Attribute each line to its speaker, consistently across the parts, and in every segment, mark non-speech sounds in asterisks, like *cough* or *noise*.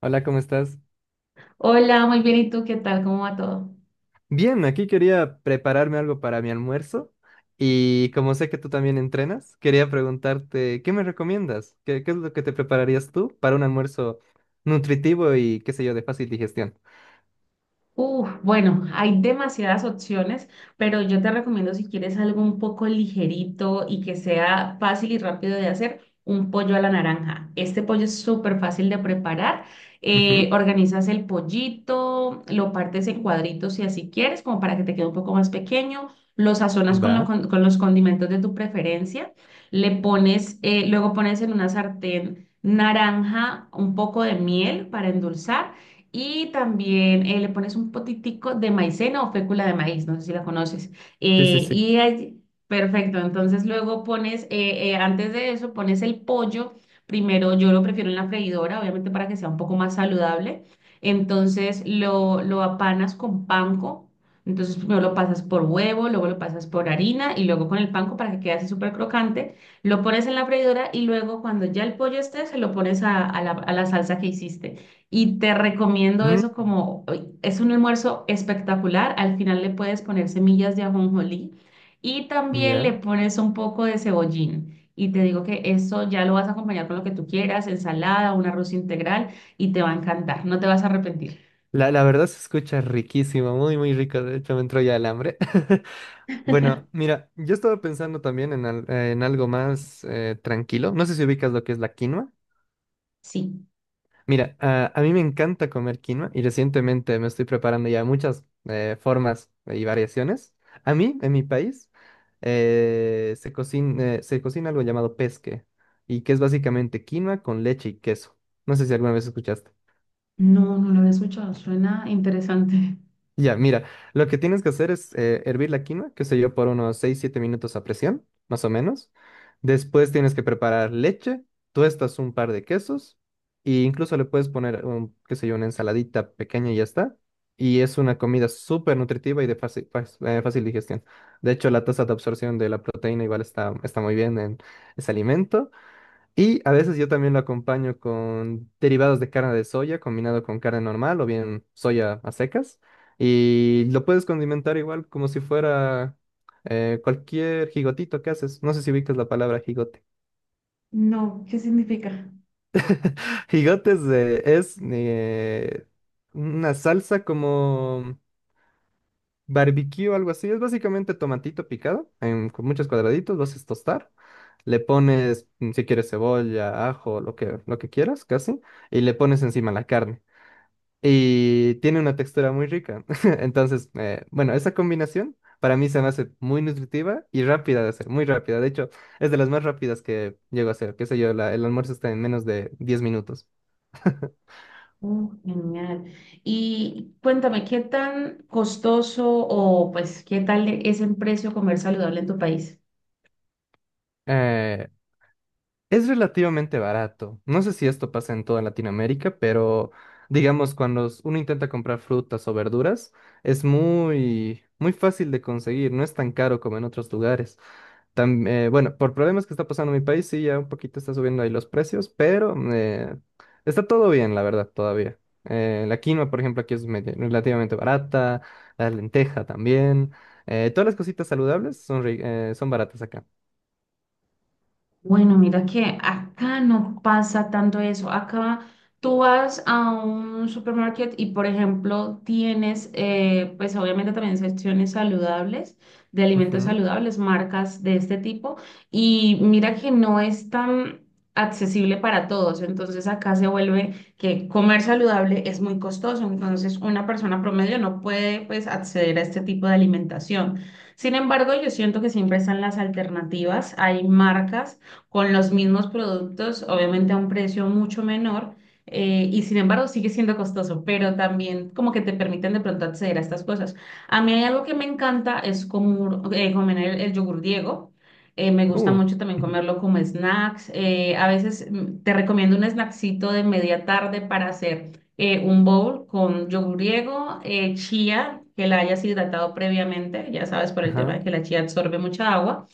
Speaker 1: Hola, ¿cómo estás?
Speaker 2: Hola, muy bien. ¿Y tú qué tal? ¿Cómo va todo?
Speaker 1: Bien, aquí quería prepararme algo para mi almuerzo y como sé que tú también entrenas, quería preguntarte, ¿qué me recomiendas? ¿Qué es lo que te prepararías tú para un almuerzo nutritivo y qué sé yo, de fácil digestión?
Speaker 2: Uf, bueno, hay demasiadas opciones, pero yo te recomiendo si quieres algo un poco ligerito y que sea fácil y rápido de hacer, un pollo a la naranja. Este pollo es súper fácil de preparar.
Speaker 1: Ujú.
Speaker 2: Organizas el pollito, lo partes en cuadritos si así quieres, como para que te quede un poco más pequeño. Lo sazonas con,
Speaker 1: Va.
Speaker 2: lo con- con los condimentos de tu preferencia. Luego pones en una sartén naranja, un poco de miel para endulzar y también le pones un potitico de maicena o fécula de maíz, no sé si la conoces.
Speaker 1: Sí, sí,
Speaker 2: Eh,
Speaker 1: sí.
Speaker 2: y ahí- perfecto, entonces antes de eso, pones el pollo. Primero, yo lo prefiero en la freidora, obviamente para que sea un poco más saludable. Entonces lo apanas con panko. Entonces primero lo pasas por huevo, luego lo pasas por harina y luego con el panko para que quede así súper crocante. Lo pones en la freidora y luego cuando ya el pollo esté, se lo pones a la salsa que hiciste. Y te recomiendo
Speaker 1: Mm.
Speaker 2: eso como uy, es un almuerzo espectacular. Al final le puedes poner semillas de ajonjolí y también le
Speaker 1: Ya.
Speaker 2: pones un poco de cebollín. Y te digo que eso ya lo vas a acompañar con lo que tú quieras, ensalada, un arroz integral y te va a encantar. No te vas a arrepentir.
Speaker 1: La verdad se escucha riquísimo, muy, muy rico. De hecho, me entró ya el hambre. *laughs* Bueno, mira, yo estaba pensando también en algo más tranquilo. No sé si ubicas lo que es la quinoa.
Speaker 2: Sí.
Speaker 1: Mira, a mí me encanta comer quinoa y recientemente me estoy preparando ya muchas formas y variaciones. A mí, en mi país, se cocina algo llamado pesque y que es básicamente quinoa con leche y queso. No sé si alguna vez escuchaste.
Speaker 2: No, no lo había escuchado. Suena interesante.
Speaker 1: Ya, mira, lo que tienes que hacer es hervir la quinoa, qué sé yo, por unos 6 7 minutos a presión, más o menos. Después tienes que preparar leche, tuestas un par de quesos e incluso le puedes poner, un, qué sé yo, una ensaladita pequeña y ya está. Y es una comida súper nutritiva y de fácil digestión. De hecho, la tasa de absorción de la proteína igual está muy bien en ese alimento. Y a veces yo también lo acompaño con derivados de carne de soya combinado con carne normal o bien soya a secas. Y lo puedes condimentar igual como si fuera cualquier gigotito que haces. No sé si ubicas la palabra jigote.
Speaker 2: No, ¿qué significa?
Speaker 1: *laughs* Jigote es una salsa como barbecue o algo así. Es básicamente tomatito picado en- con muchos cuadraditos. Lo haces tostar. Le pones, si quieres, cebolla, ajo, lo que quieras, casi. Y le pones encima la carne y tiene una textura muy rica. *laughs* Entonces, bueno, esa combinación para mí se me hace muy nutritiva y rápida de hacer, muy rápida. De hecho, es de las más rápidas que llego a hacer. Qué sé yo, el almuerzo está en menos de 10 minutos. *laughs*
Speaker 2: Oh, genial. Y cuéntame, ¿qué tan costoso o pues qué tal es en precio comer saludable en tu país?
Speaker 1: Eh, es relativamente barato. No sé si esto pasa en toda Latinoamérica, pero digamos, cuando s- uno intenta comprar frutas o verduras, es muy, muy fácil de conseguir, no es tan caro como en otros lugares. Bueno, por problemas que está pasando en mi país, sí, ya un poquito está subiendo ahí los precios, pero está todo bien, la verdad, todavía. La quinoa, por ejemplo, aquí es relativamente barata, la lenteja también. Todas las cositas saludables son, son baratas acá.
Speaker 2: Bueno, mira que acá no pasa tanto eso. Acá tú vas a un supermercado y, por ejemplo, tienes, pues obviamente también secciones saludables, de alimentos
Speaker 1: Ujú.
Speaker 2: saludables, marcas de este tipo. Y mira que no es tan accesible para todos. Entonces acá se vuelve que comer saludable es muy costoso. Entonces una persona promedio no puede, pues, acceder a este tipo de alimentación. Sin embargo, yo siento que siempre están las alternativas. Hay marcas con los mismos productos, obviamente a un precio mucho menor, y sin embargo sigue siendo costoso, pero también como que te permiten de pronto acceder a estas cosas. A mí hay algo que me encanta, es como, comer el yogur Diego. Me gusta
Speaker 1: Uh,
Speaker 2: mucho también
Speaker 1: *laughs*
Speaker 2: comerlo como snacks. A veces te recomiendo un snacksito de media tarde para hacer un bowl con yogur griego, chía, que la hayas hidratado previamente, ya sabes por el tema
Speaker 1: Ajá,
Speaker 2: de que la chía absorbe mucha agua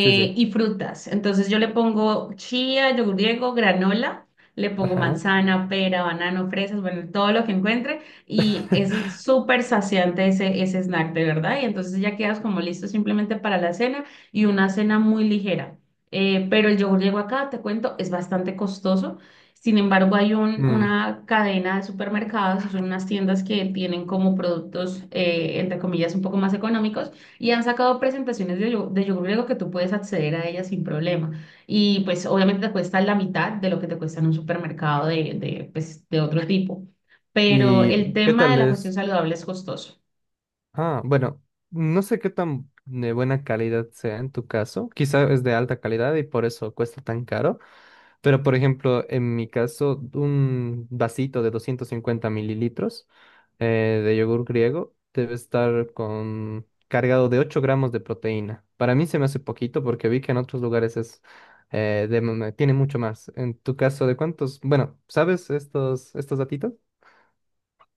Speaker 1: sí, sí,
Speaker 2: y frutas. Entonces yo le pongo chía, yogur griego, granola, le pongo
Speaker 1: ajá.
Speaker 2: manzana, pera, banano, fresas, bueno, todo lo que encuentre y
Speaker 1: *laughs*
Speaker 2: es súper saciante ese snack, de verdad. Y entonces ya quedas como listo simplemente para la cena y una cena muy ligera. Pero el yogur griego acá, te cuento, es bastante costoso. Sin embargo, hay un-
Speaker 1: Mm,
Speaker 2: una cadena de supermercados, son unas tiendas que tienen como productos, entre comillas, un poco más económicos y han sacado presentaciones de yogur griego que tú puedes acceder a ellas sin problema. Y pues obviamente te cuesta la mitad de lo que te cuesta en un supermercado pues, de otro *laughs* tipo. Pero
Speaker 1: ¿Y
Speaker 2: el
Speaker 1: qué
Speaker 2: tema de
Speaker 1: tal
Speaker 2: la cuestión
Speaker 1: es?
Speaker 2: saludable es costoso.
Speaker 1: Ah, bueno, no sé qué tan de buena calidad sea en tu caso. Quizá es de alta calidad y por eso cuesta tan caro. Pero, por ejemplo, en mi caso, un vasito de 250 mililitros de yogur griego debe estar con, cargado de 8 gramos de proteína. Para mí se me hace poquito porque vi que en otros lugares es, tiene mucho más. En tu caso, ¿de cuántos? Bueno, ¿sabes estos datitos?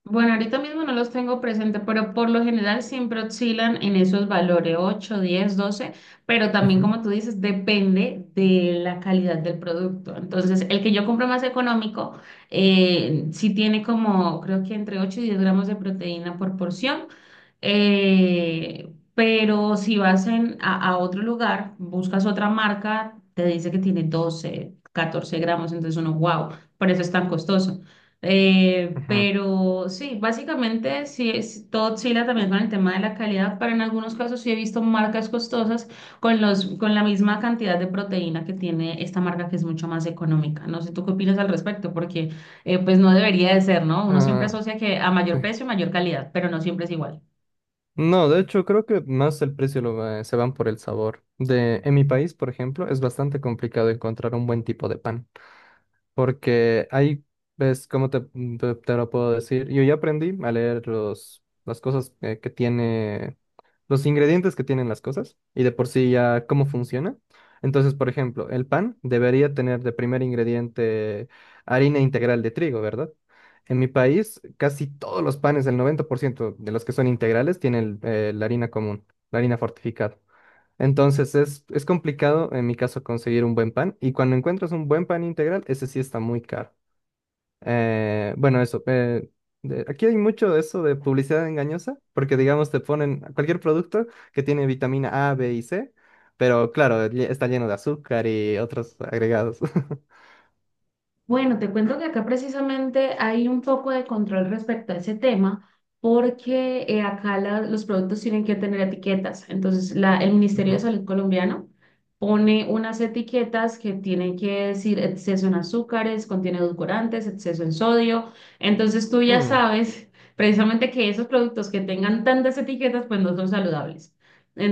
Speaker 2: Bueno, ahorita mismo no los tengo presente, pero por lo general siempre oscilan en esos valores, 8, 10, 12, pero también
Speaker 1: Ujú,
Speaker 2: como tú dices, depende de la calidad del producto. Entonces, el que yo compro más económico, sí tiene como, creo que entre 8 y 10 gramos de proteína por porción, pero si vas a otro lugar, buscas otra marca, te dice que tiene 12, 14 gramos, entonces uno, wow, por eso es tan costoso.
Speaker 1: ujú.
Speaker 2: Pero sí, básicamente sí, es, todo oscila también con el tema de la calidad, pero en algunos casos sí he visto marcas costosas con la misma cantidad de proteína que tiene esta marca que es mucho más económica. No sé, ¿tú qué opinas al respecto? Porque pues no debería de ser, ¿no? Uno siempre
Speaker 1: Ah,
Speaker 2: asocia que a mayor
Speaker 1: sí.
Speaker 2: precio, mayor calidad, pero no siempre es igual.
Speaker 1: No, de hecho, creo que más el precio se van por el sabor. De, en mi país, por ejemplo, es bastante complicado encontrar un buen tipo de pan. Porque ahí, ves, ¿cómo te lo puedo decir? Yo ya aprendí a leer las cosas que tiene, los ingredientes que tienen las cosas y de por sí ya cómo funciona. Entonces, por ejemplo, el pan debería tener de primer ingrediente harina integral de trigo, ¿verdad? En mi país, casi todos los panes, el 90% de los que son integrales, tienen la harina común, la harina fortificada. Entonces es complicado en mi caso conseguir un buen pan y cuando encuentras un buen pan integral, ese sí está muy caro. Bueno, eso. Aquí hay mucho de eso de publicidad engañosa porque digamos te ponen cualquier producto que tiene vitamina A, B y C, pero claro, está lleno de azúcar y otros agregados. *laughs*
Speaker 2: Bueno, te cuento que acá precisamente hay un poco de control respecto a ese tema, porque acá los productos tienen que tener etiquetas. Entonces, el Ministerio de
Speaker 1: Ujú.
Speaker 2: Salud colombiano pone unas etiquetas que tienen que decir exceso en azúcares, contiene edulcorantes, exceso en sodio. Entonces, tú ya
Speaker 1: Mm.
Speaker 2: sabes *laughs* precisamente que esos productos que tengan tantas etiquetas, pues no son saludables.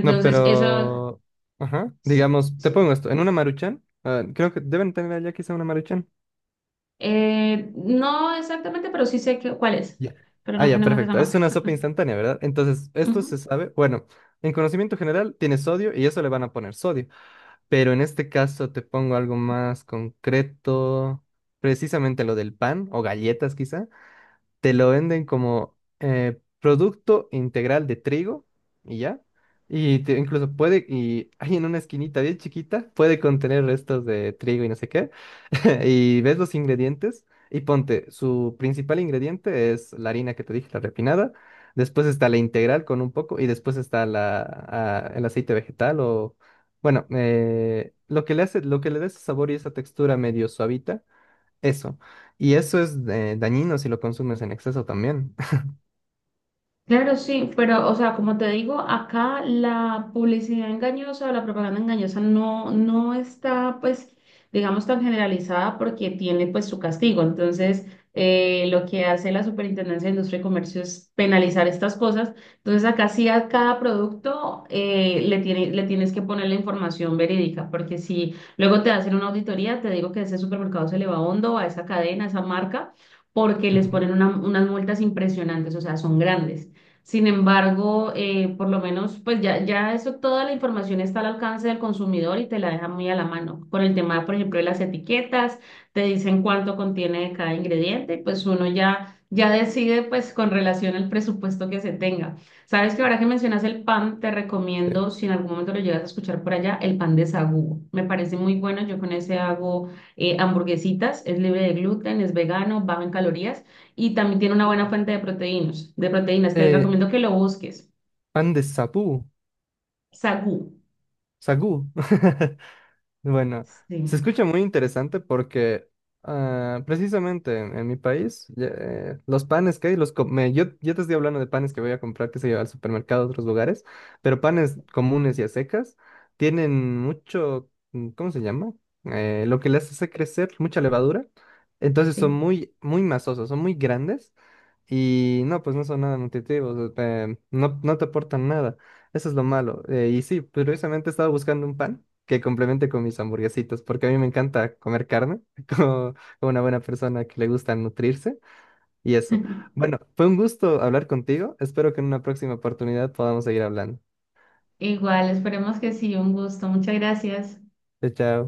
Speaker 1: No,
Speaker 2: eso.
Speaker 1: pero... Ajá.
Speaker 2: Sí,
Speaker 1: Digamos, te
Speaker 2: sí.
Speaker 1: pongo esto, en una Maruchan, ah, creo que deben tener allá quizá una Maruchan.
Speaker 2: No exactamente, pero sí sé que, cuál es,
Speaker 1: Ya.
Speaker 2: pero
Speaker 1: Ah,
Speaker 2: no
Speaker 1: ya,
Speaker 2: tenemos esa
Speaker 1: perfecto. Es
Speaker 2: marca.
Speaker 1: una sopa instantánea, ¿verdad? Entonces,
Speaker 2: *laughs*
Speaker 1: esto
Speaker 2: Ujú.
Speaker 1: se sabe. Bueno, en conocimiento general tiene sodio y eso le van a poner sodio. Pero en este caso te pongo algo más concreto, precisamente lo del pan o galletas quizá te lo venden como producto integral de trigo y ya. Y te- incluso puede, y *laughs* ahí en una esquinita bien chiquita, puede contener restos de trigo y no sé qué. *laughs* Y ves los ingredientes y ponte, su principal ingrediente es la harina que te dije, la refinada. Después está la integral con un poco y después está el aceite vegetal o, bueno, lo que le hace, lo que le da ese sabor y esa textura medio suavita eso. Y eso es dañino si lo consumes en exceso también.
Speaker 2: Claro, sí, pero, o sea, como te digo, acá la publicidad engañosa o la propaganda engañosa no, no está, pues, digamos, tan generalizada porque tiene, pues, su castigo. Entonces, lo que hace la Superintendencia de Industria y Comercio es penalizar estas cosas. Entonces, acá sí a cada producto le tienes que poner la información verídica, porque si luego te hacen una auditoría, te digo que ese supermercado se le va hondo a esa cadena, a esa marca, porque
Speaker 1: *laughs*
Speaker 2: les
Speaker 1: Ujú,
Speaker 2: ponen unas multas impresionantes, o sea, son grandes. Sin embargo, por lo menos, pues ya, ya eso, toda la información está al alcance del consumidor y te la deja muy a la mano. Por el tema, por ejemplo, de las etiquetas, te dicen cuánto contiene de cada ingrediente, pues uno ya decide pues con relación al presupuesto que se tenga. Sabes que ahora que mencionas el pan, te
Speaker 1: sí.
Speaker 2: recomiendo, si en algún momento lo llegas a escuchar por allá, el pan de sagú. Me parece muy bueno, yo con ese hago hamburguesitas, es libre de gluten, es vegano, bajo en calorías y también tiene una buena
Speaker 1: No.
Speaker 2: fuente de proteínas, de proteínas. Te
Speaker 1: Eh,
Speaker 2: recomiendo que lo busques.
Speaker 1: pan de sapú,
Speaker 2: Sagú.
Speaker 1: sagú. *laughs* Bueno, se
Speaker 2: Sí,
Speaker 1: escucha muy interesante porque ah, precisamente en mi país ya, los panes que hay, los co- me- yo te estoy hablando de panes que voy a comprar, que se lleva al supermercado a otros lugares, pero panes
Speaker 2: sí,
Speaker 1: comunes y a secas tienen mucho, ¿cómo se llama? Lo que les hace crecer, mucha levadura. Entonces son
Speaker 2: sí.
Speaker 1: muy, muy masosos, son muy grandes y no, pues no son nada nutritivos, no, no te aportan nada. Eso es lo malo. Y sí, precisamente estaba buscando un pan que complemente con mis hamburguesitas, porque a mí me encanta comer carne, *laughs* como, como una buena persona que le gusta nutrirse y eso.
Speaker 2: *laughs*
Speaker 1: Bueno, fue un gusto hablar contigo. Espero que en una próxima oportunidad podamos seguir hablando.
Speaker 2: Igual, esperemos que sí, un gusto. Muchas gracias.
Speaker 1: Chao. Chao.